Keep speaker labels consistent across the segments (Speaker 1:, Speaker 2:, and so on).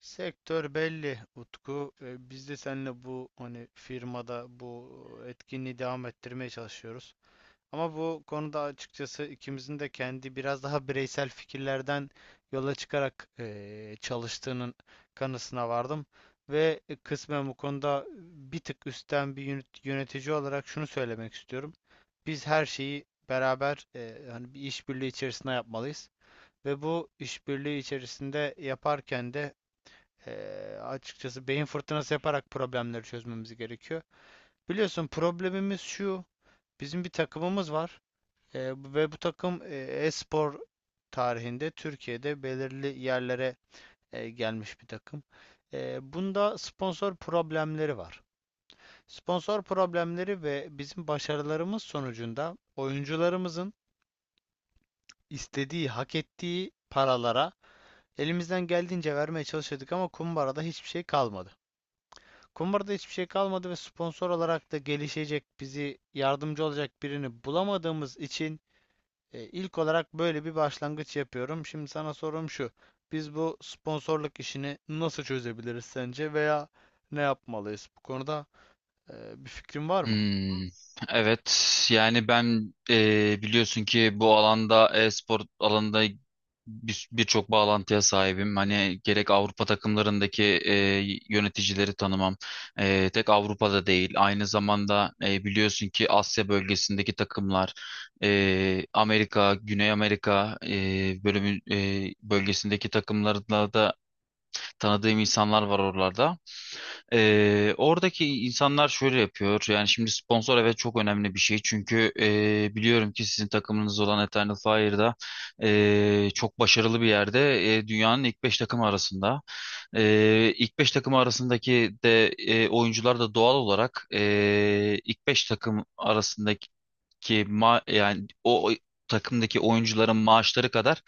Speaker 1: Sektör belli Utku. Biz de seninle bu firmada bu etkinliği devam ettirmeye çalışıyoruz. Ama bu konuda açıkçası ikimizin de kendi biraz daha bireysel fikirlerden yola çıkarak çalıştığının kanısına vardım. Ve kısmen bu konuda bir tık üstten bir yönetici olarak şunu söylemek istiyorum. Biz her şeyi beraber hani bir işbirliği içerisinde yapmalıyız. Ve bu işbirliği içerisinde yaparken de açıkçası beyin fırtınası yaparak problemleri çözmemiz gerekiyor. Biliyorsun problemimiz şu. Bizim bir takımımız var. Ve bu takım e-spor tarihinde Türkiye'de belirli yerlere gelmiş bir takım. Bunda sponsor problemleri var. Sponsor problemleri ve bizim başarılarımız sonucunda oyuncularımızın istediği, hak ettiği paralara elimizden geldiğince vermeye çalışıyorduk ama kumbarada hiçbir şey kalmadı. Kumbarada hiçbir şey kalmadı ve sponsor olarak da gelişecek, bizi yardımcı olacak birini bulamadığımız için ilk olarak böyle bir başlangıç yapıyorum. Şimdi sana sorum şu. Biz bu sponsorluk işini nasıl çözebiliriz sence veya ne yapmalıyız? Bu konuda bir fikrin var mı?
Speaker 2: Hmm, evet yani ben biliyorsun ki bu alanda e-spor alanında birçok bağlantıya sahibim. Hani gerek Avrupa takımlarındaki yöneticileri tanımam. Tek Avrupa'da değil. Aynı zamanda biliyorsun ki Asya bölgesindeki takımlar, Amerika, Güney Amerika bölgesindeki takımlarla da tanıdığım insanlar var oralarda. Oradaki insanlar şöyle yapıyor. Yani şimdi sponsor, evet, çok önemli bir şey. Çünkü biliyorum ki sizin takımınız olan Eternal Fire'da çok başarılı bir yerde. Dünyanın ilk 5 takımı arasında. İlk 5 takımı arasındaki de oyuncular da doğal olarak ilk 5 takım arasındaki ki ma yani o o takımdaki oyuncuların maaşları kadar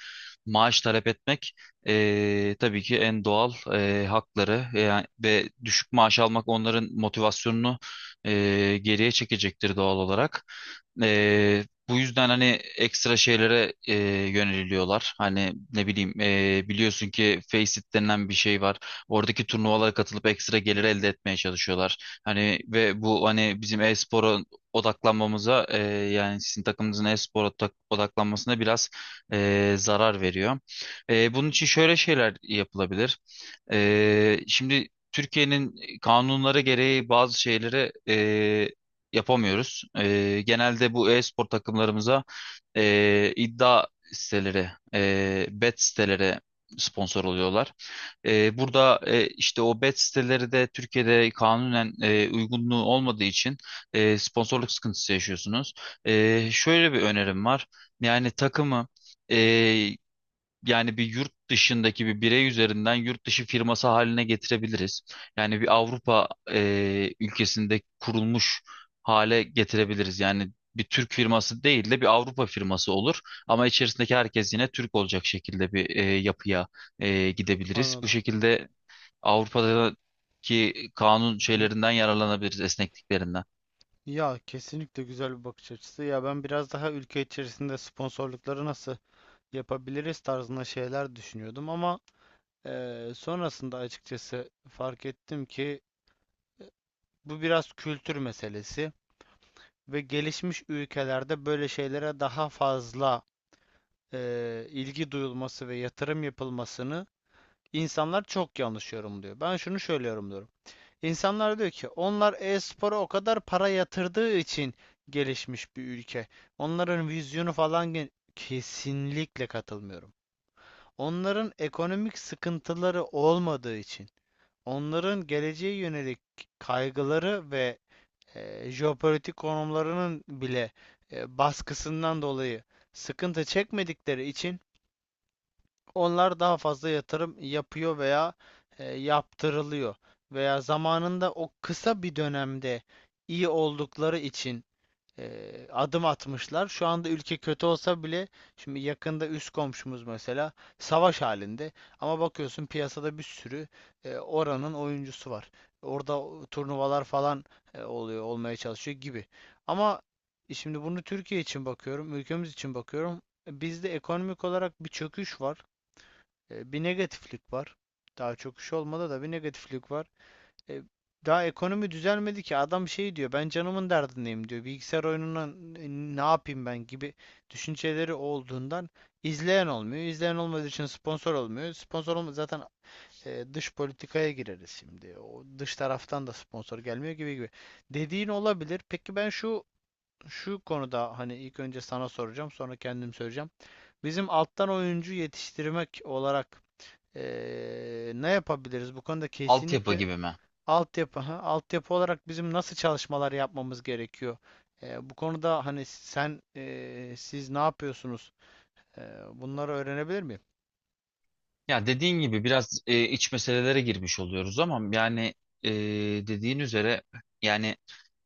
Speaker 2: maaş talep etmek tabii ki en doğal hakları, yani ve düşük maaş almak onların motivasyonunu geriye çekecektir doğal olarak. Eee, bu yüzden hani ekstra şeylere yöneliliyorlar. Hani ne bileyim, biliyorsun ki Faceit denilen bir şey var. Oradaki turnuvalara katılıp ekstra gelir elde etmeye çalışıyorlar. Hani ve bu hani bizim e-spora odaklanmamıza, yani sizin takımınızın odaklanmasına biraz zarar veriyor. Bunun için şöyle şeyler yapılabilir. Şimdi Türkiye'nin kanunları gereği bazı şeyleri yapamıyoruz. Genelde bu e-spor takımlarımıza iddia siteleri, bet siteleri sponsor oluyorlar. Burada işte o bet siteleri de Türkiye'de kanunen uygunluğu olmadığı için sponsorluk sıkıntısı yaşıyorsunuz. Şöyle bir önerim var. Yani takımı, e, yani bir yurt dışındaki bir birey üzerinden yurt dışı firması haline getirebiliriz. Yani bir Avrupa ülkesinde kurulmuş hale getirebiliriz. Yani bir Türk firması değil de bir Avrupa firması olur. Ama içerisindeki herkes yine Türk olacak şekilde bir yapıya gidebiliriz. Bu
Speaker 1: Anladım.
Speaker 2: şekilde Avrupa'daki kanun
Speaker 1: Hı hı.
Speaker 2: şeylerinden yararlanabiliriz, esnekliklerinden.
Speaker 1: Ya kesinlikle güzel bir bakış açısı. Ya ben biraz daha ülke içerisinde sponsorlukları nasıl yapabiliriz tarzında şeyler düşünüyordum ama sonrasında açıkçası fark ettim ki bu biraz kültür meselesi ve gelişmiş ülkelerde böyle şeylere daha fazla ilgi duyulması ve yatırım yapılmasını insanlar çok yanlış yorumluyor. Ben şunu şöyle yorumluyorum. İnsanlar diyor ki onlar e-spora o kadar para yatırdığı için gelişmiş bir ülke. Onların vizyonu falan kesinlikle katılmıyorum. Onların ekonomik sıkıntıları olmadığı için, onların geleceğe yönelik kaygıları ve jeopolitik konumlarının bile baskısından dolayı sıkıntı çekmedikleri için onlar daha fazla yatırım yapıyor veya yaptırılıyor veya zamanında o kısa bir dönemde iyi oldukları için adım atmışlar. Şu anda ülke kötü olsa bile şimdi yakında üst komşumuz mesela savaş halinde ama bakıyorsun piyasada bir sürü oranın oyuncusu var. Orada turnuvalar falan oluyor, olmaya çalışıyor gibi. Ama şimdi bunu Türkiye için bakıyorum, ülkemiz için bakıyorum. Bizde ekonomik olarak bir çöküş var, bir negatiflik var. Daha çöküş olmadı da bir negatiflik var. E, Daha ekonomi düzelmedi ki. Adam şey diyor, ben canımın derdindeyim diyor. Bilgisayar oyununa ne yapayım ben gibi düşünceleri olduğundan izleyen olmuyor. İzleyen olmadığı için sponsor olmuyor. Sponsor olma zaten dış politikaya gireriz şimdi. O dış taraftan da sponsor gelmiyor gibi gibi. Dediğin olabilir. Peki ben şu konuda hani ilk önce sana soracağım, sonra kendim söyleyeceğim. Bizim alttan oyuncu yetiştirmek olarak ne yapabiliriz? Bu konuda
Speaker 2: Altyapı
Speaker 1: kesinlikle
Speaker 2: gibi mi?
Speaker 1: altyapı, ha, altyapı olarak bizim nasıl çalışmalar yapmamız gerekiyor? Bu konuda hani siz ne yapıyorsunuz? Bunları öğrenebilir miyim?
Speaker 2: Ya dediğin gibi biraz iç meselelere girmiş oluyoruz ama yani, e, dediğin üzere, yani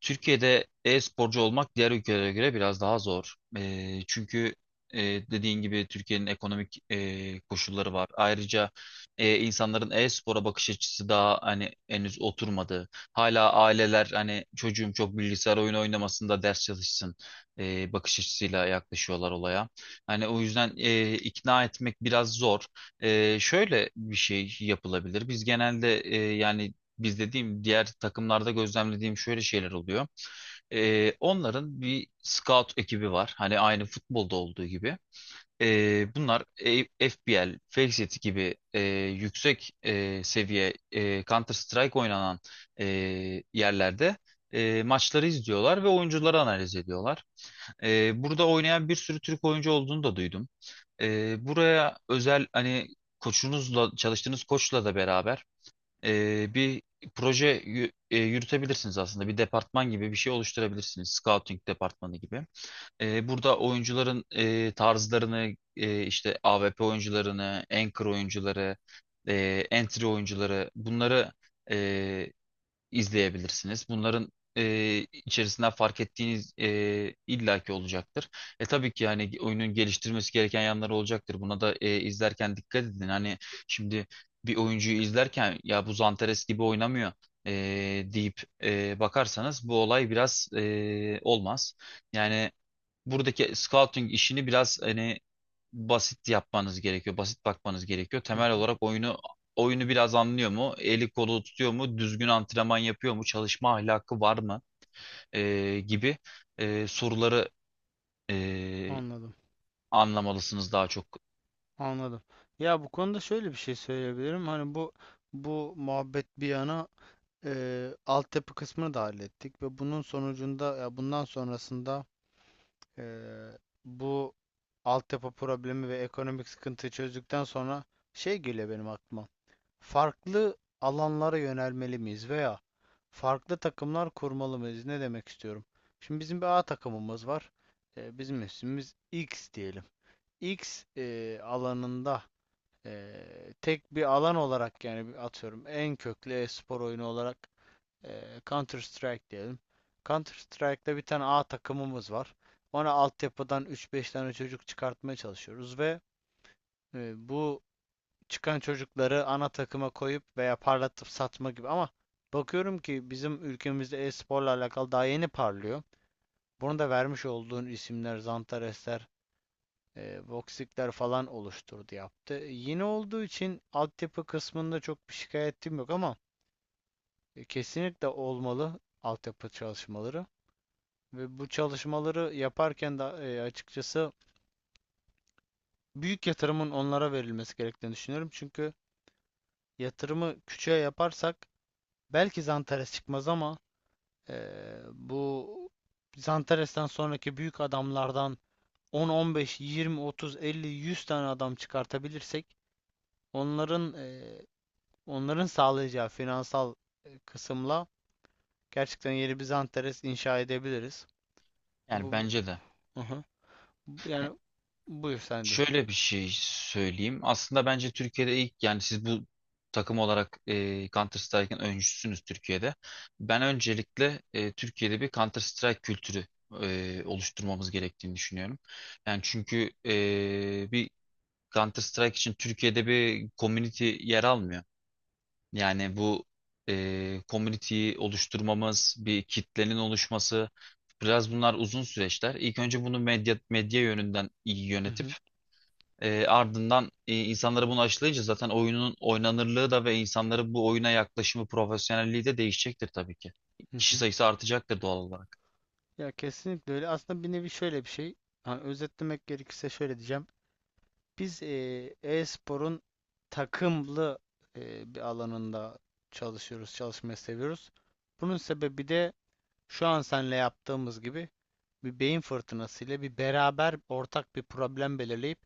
Speaker 2: Türkiye'de e-sporcu olmak diğer ülkelere göre biraz daha zor. Çünkü e, dediğin gibi Türkiye'nin ekonomik koşulları var. Ayrıca insanların e-spora bakış açısı daha hani henüz oturmadı. Hala aileler hani çocuğum çok bilgisayar oyunu oynamasında ders çalışsın bakış açısıyla yaklaşıyorlar olaya. Hani o yüzden ikna etmek biraz zor. Şöyle bir şey yapılabilir. Biz genelde, yani biz dediğim, diğer takımlarda gözlemlediğim şöyle şeyler oluyor. Onların bir scout ekibi var. Hani aynı futbolda olduğu gibi. Bunlar FPL, Fake City gibi yüksek seviye Counter Strike oynanan e, yerlerde maçları izliyorlar ve oyuncuları analiz ediyorlar. Burada oynayan bir sürü Türk oyuncu olduğunu da duydum. Buraya özel hani koçunuzla, çalıştığınız koçla da beraber bir proje yürütebilirsiniz aslında. Bir departman gibi bir şey oluşturabilirsiniz. Scouting departmanı gibi. Burada oyuncuların tarzlarını, işte AWP oyuncularını, anchor oyuncuları, entry oyuncuları, bunları izleyebilirsiniz. Bunların içerisinden fark ettiğiniz illaki olacaktır. Tabii ki yani oyunun geliştirmesi gereken yanları olacaktır. Buna da izlerken dikkat edin. Hani şimdi bir oyuncuyu izlerken ya bu Zanteres gibi oynamıyor e, deyip bakarsanız bu olay biraz olmaz. Yani buradaki scouting işini biraz hani basit yapmanız gerekiyor. Basit bakmanız gerekiyor.
Speaker 1: Hı
Speaker 2: Temel
Speaker 1: hı.
Speaker 2: olarak oyunu biraz anlıyor mu? Eli kolu tutuyor mu? Düzgün antrenman yapıyor mu? Çalışma ahlakı var mı? Gibi soruları e,
Speaker 1: Anladım,
Speaker 2: anlamalısınız daha çok.
Speaker 1: anladım. Ya bu konuda şöyle bir şey söyleyebilirim. Hani bu muhabbet bir yana, altyapı kısmını da hallettik ve bunun sonucunda ya bundan sonrasında e, bu altyapı problemi ve ekonomik sıkıntıyı çözdükten sonra şey geliyor benim aklıma. Farklı alanlara yönelmeli miyiz veya farklı takımlar kurmalı mıyız? Ne demek istiyorum? Şimdi bizim bir A takımımız var. Bizim ismimiz X diyelim. Alanında e, tek bir alan olarak yani atıyorum en köklü e-spor oyunu olarak Counter Strike diyelim. Counter Strike'da bir tane A takımımız var. Ona altyapıdan 3-5 tane çocuk çıkartmaya çalışıyoruz ve bu çıkan çocukları ana takıma koyup veya parlatıp satma gibi ama bakıyorum ki bizim ülkemizde e-sporla alakalı daha yeni parlıyor. Bunu da vermiş olduğun isimler, Zantaresler, Voxic'ler falan oluşturdu yaptı. Yeni olduğu için altyapı kısmında çok bir şikayetim yok ama kesinlikle olmalı altyapı çalışmaları. Ve bu çalışmaları yaparken de açıkçası büyük yatırımın onlara verilmesi gerektiğini düşünüyorum. Çünkü yatırımı küçüğe yaparsak belki Zantares çıkmaz ama bu Zantares'ten sonraki büyük adamlardan 10, 15, 20, 30, 50, 100 tane adam çıkartabilirsek onların onların sağlayacağı finansal kısımla gerçekten yeni bir Zantares inşa edebiliriz.
Speaker 2: Yani
Speaker 1: Bu.
Speaker 2: bence de.
Speaker 1: Aha. Yani buyur sen diyeyim.
Speaker 2: Şöyle bir şey söyleyeyim. Aslında bence Türkiye'de ilk, yani siz bu takım olarak Counter Strike'ın öncüsünüz Türkiye'de. Ben öncelikle Türkiye'de bir Counter Strike kültürü oluşturmamız gerektiğini düşünüyorum. Yani çünkü bir Counter Strike için Türkiye'de bir community yer almıyor. Yani bu community'yi oluşturmamız, bir kitlenin oluşması, biraz bunlar uzun süreçler. İlk önce bunu medya yönünden iyi
Speaker 1: Hı
Speaker 2: yönetip,
Speaker 1: hı.
Speaker 2: ardından insanları bunu aşılayınca zaten oyunun oynanırlığı da ve insanların bu oyuna yaklaşımı, profesyonelliği de değişecektir tabii ki.
Speaker 1: Hı
Speaker 2: Kişi
Speaker 1: hı.
Speaker 2: sayısı artacaktır doğal olarak.
Speaker 1: Ya kesinlikle öyle. Aslında bir nevi şöyle bir şey. Hani özetlemek gerekirse şöyle diyeceğim. Biz e-sporun takımlı bir alanında çalışıyoruz, çalışmayı seviyoruz. Bunun sebebi de şu an seninle yaptığımız gibi bir beyin fırtınası ile bir beraber ortak bir problem belirleyip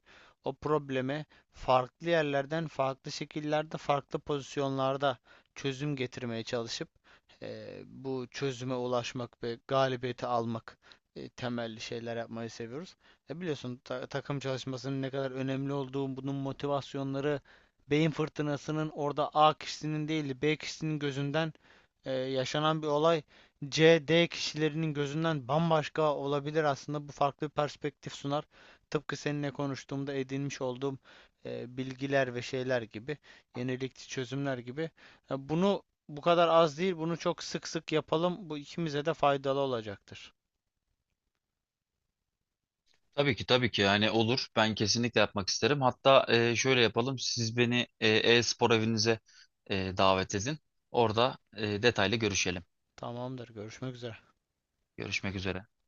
Speaker 1: o probleme farklı yerlerden, farklı şekillerde, farklı pozisyonlarda çözüm getirmeye çalışıp bu çözüme ulaşmak ve galibiyeti almak temelli şeyler yapmayı seviyoruz. E biliyorsun takım çalışmasının ne kadar önemli olduğu, bunun motivasyonları beyin fırtınasının orada A kişisinin değil de B kişisinin gözünden yaşanan bir olay C, D kişilerinin gözünden bambaşka olabilir aslında. Bu farklı bir perspektif sunar. Tıpkı seninle konuştuğumda edinmiş olduğum bilgiler ve şeyler gibi, yenilikçi çözümler gibi. Bunu bu kadar az değil, bunu çok sık sık yapalım. Bu ikimize de faydalı olacaktır.
Speaker 2: Tabii ki, tabii ki yani olur. Ben kesinlikle yapmak isterim. Hatta şöyle yapalım. Siz beni e-spor evinize davet edin. Orada detaylı görüşelim.
Speaker 1: Tamamdır. Görüşmek üzere.
Speaker 2: Görüşmek üzere.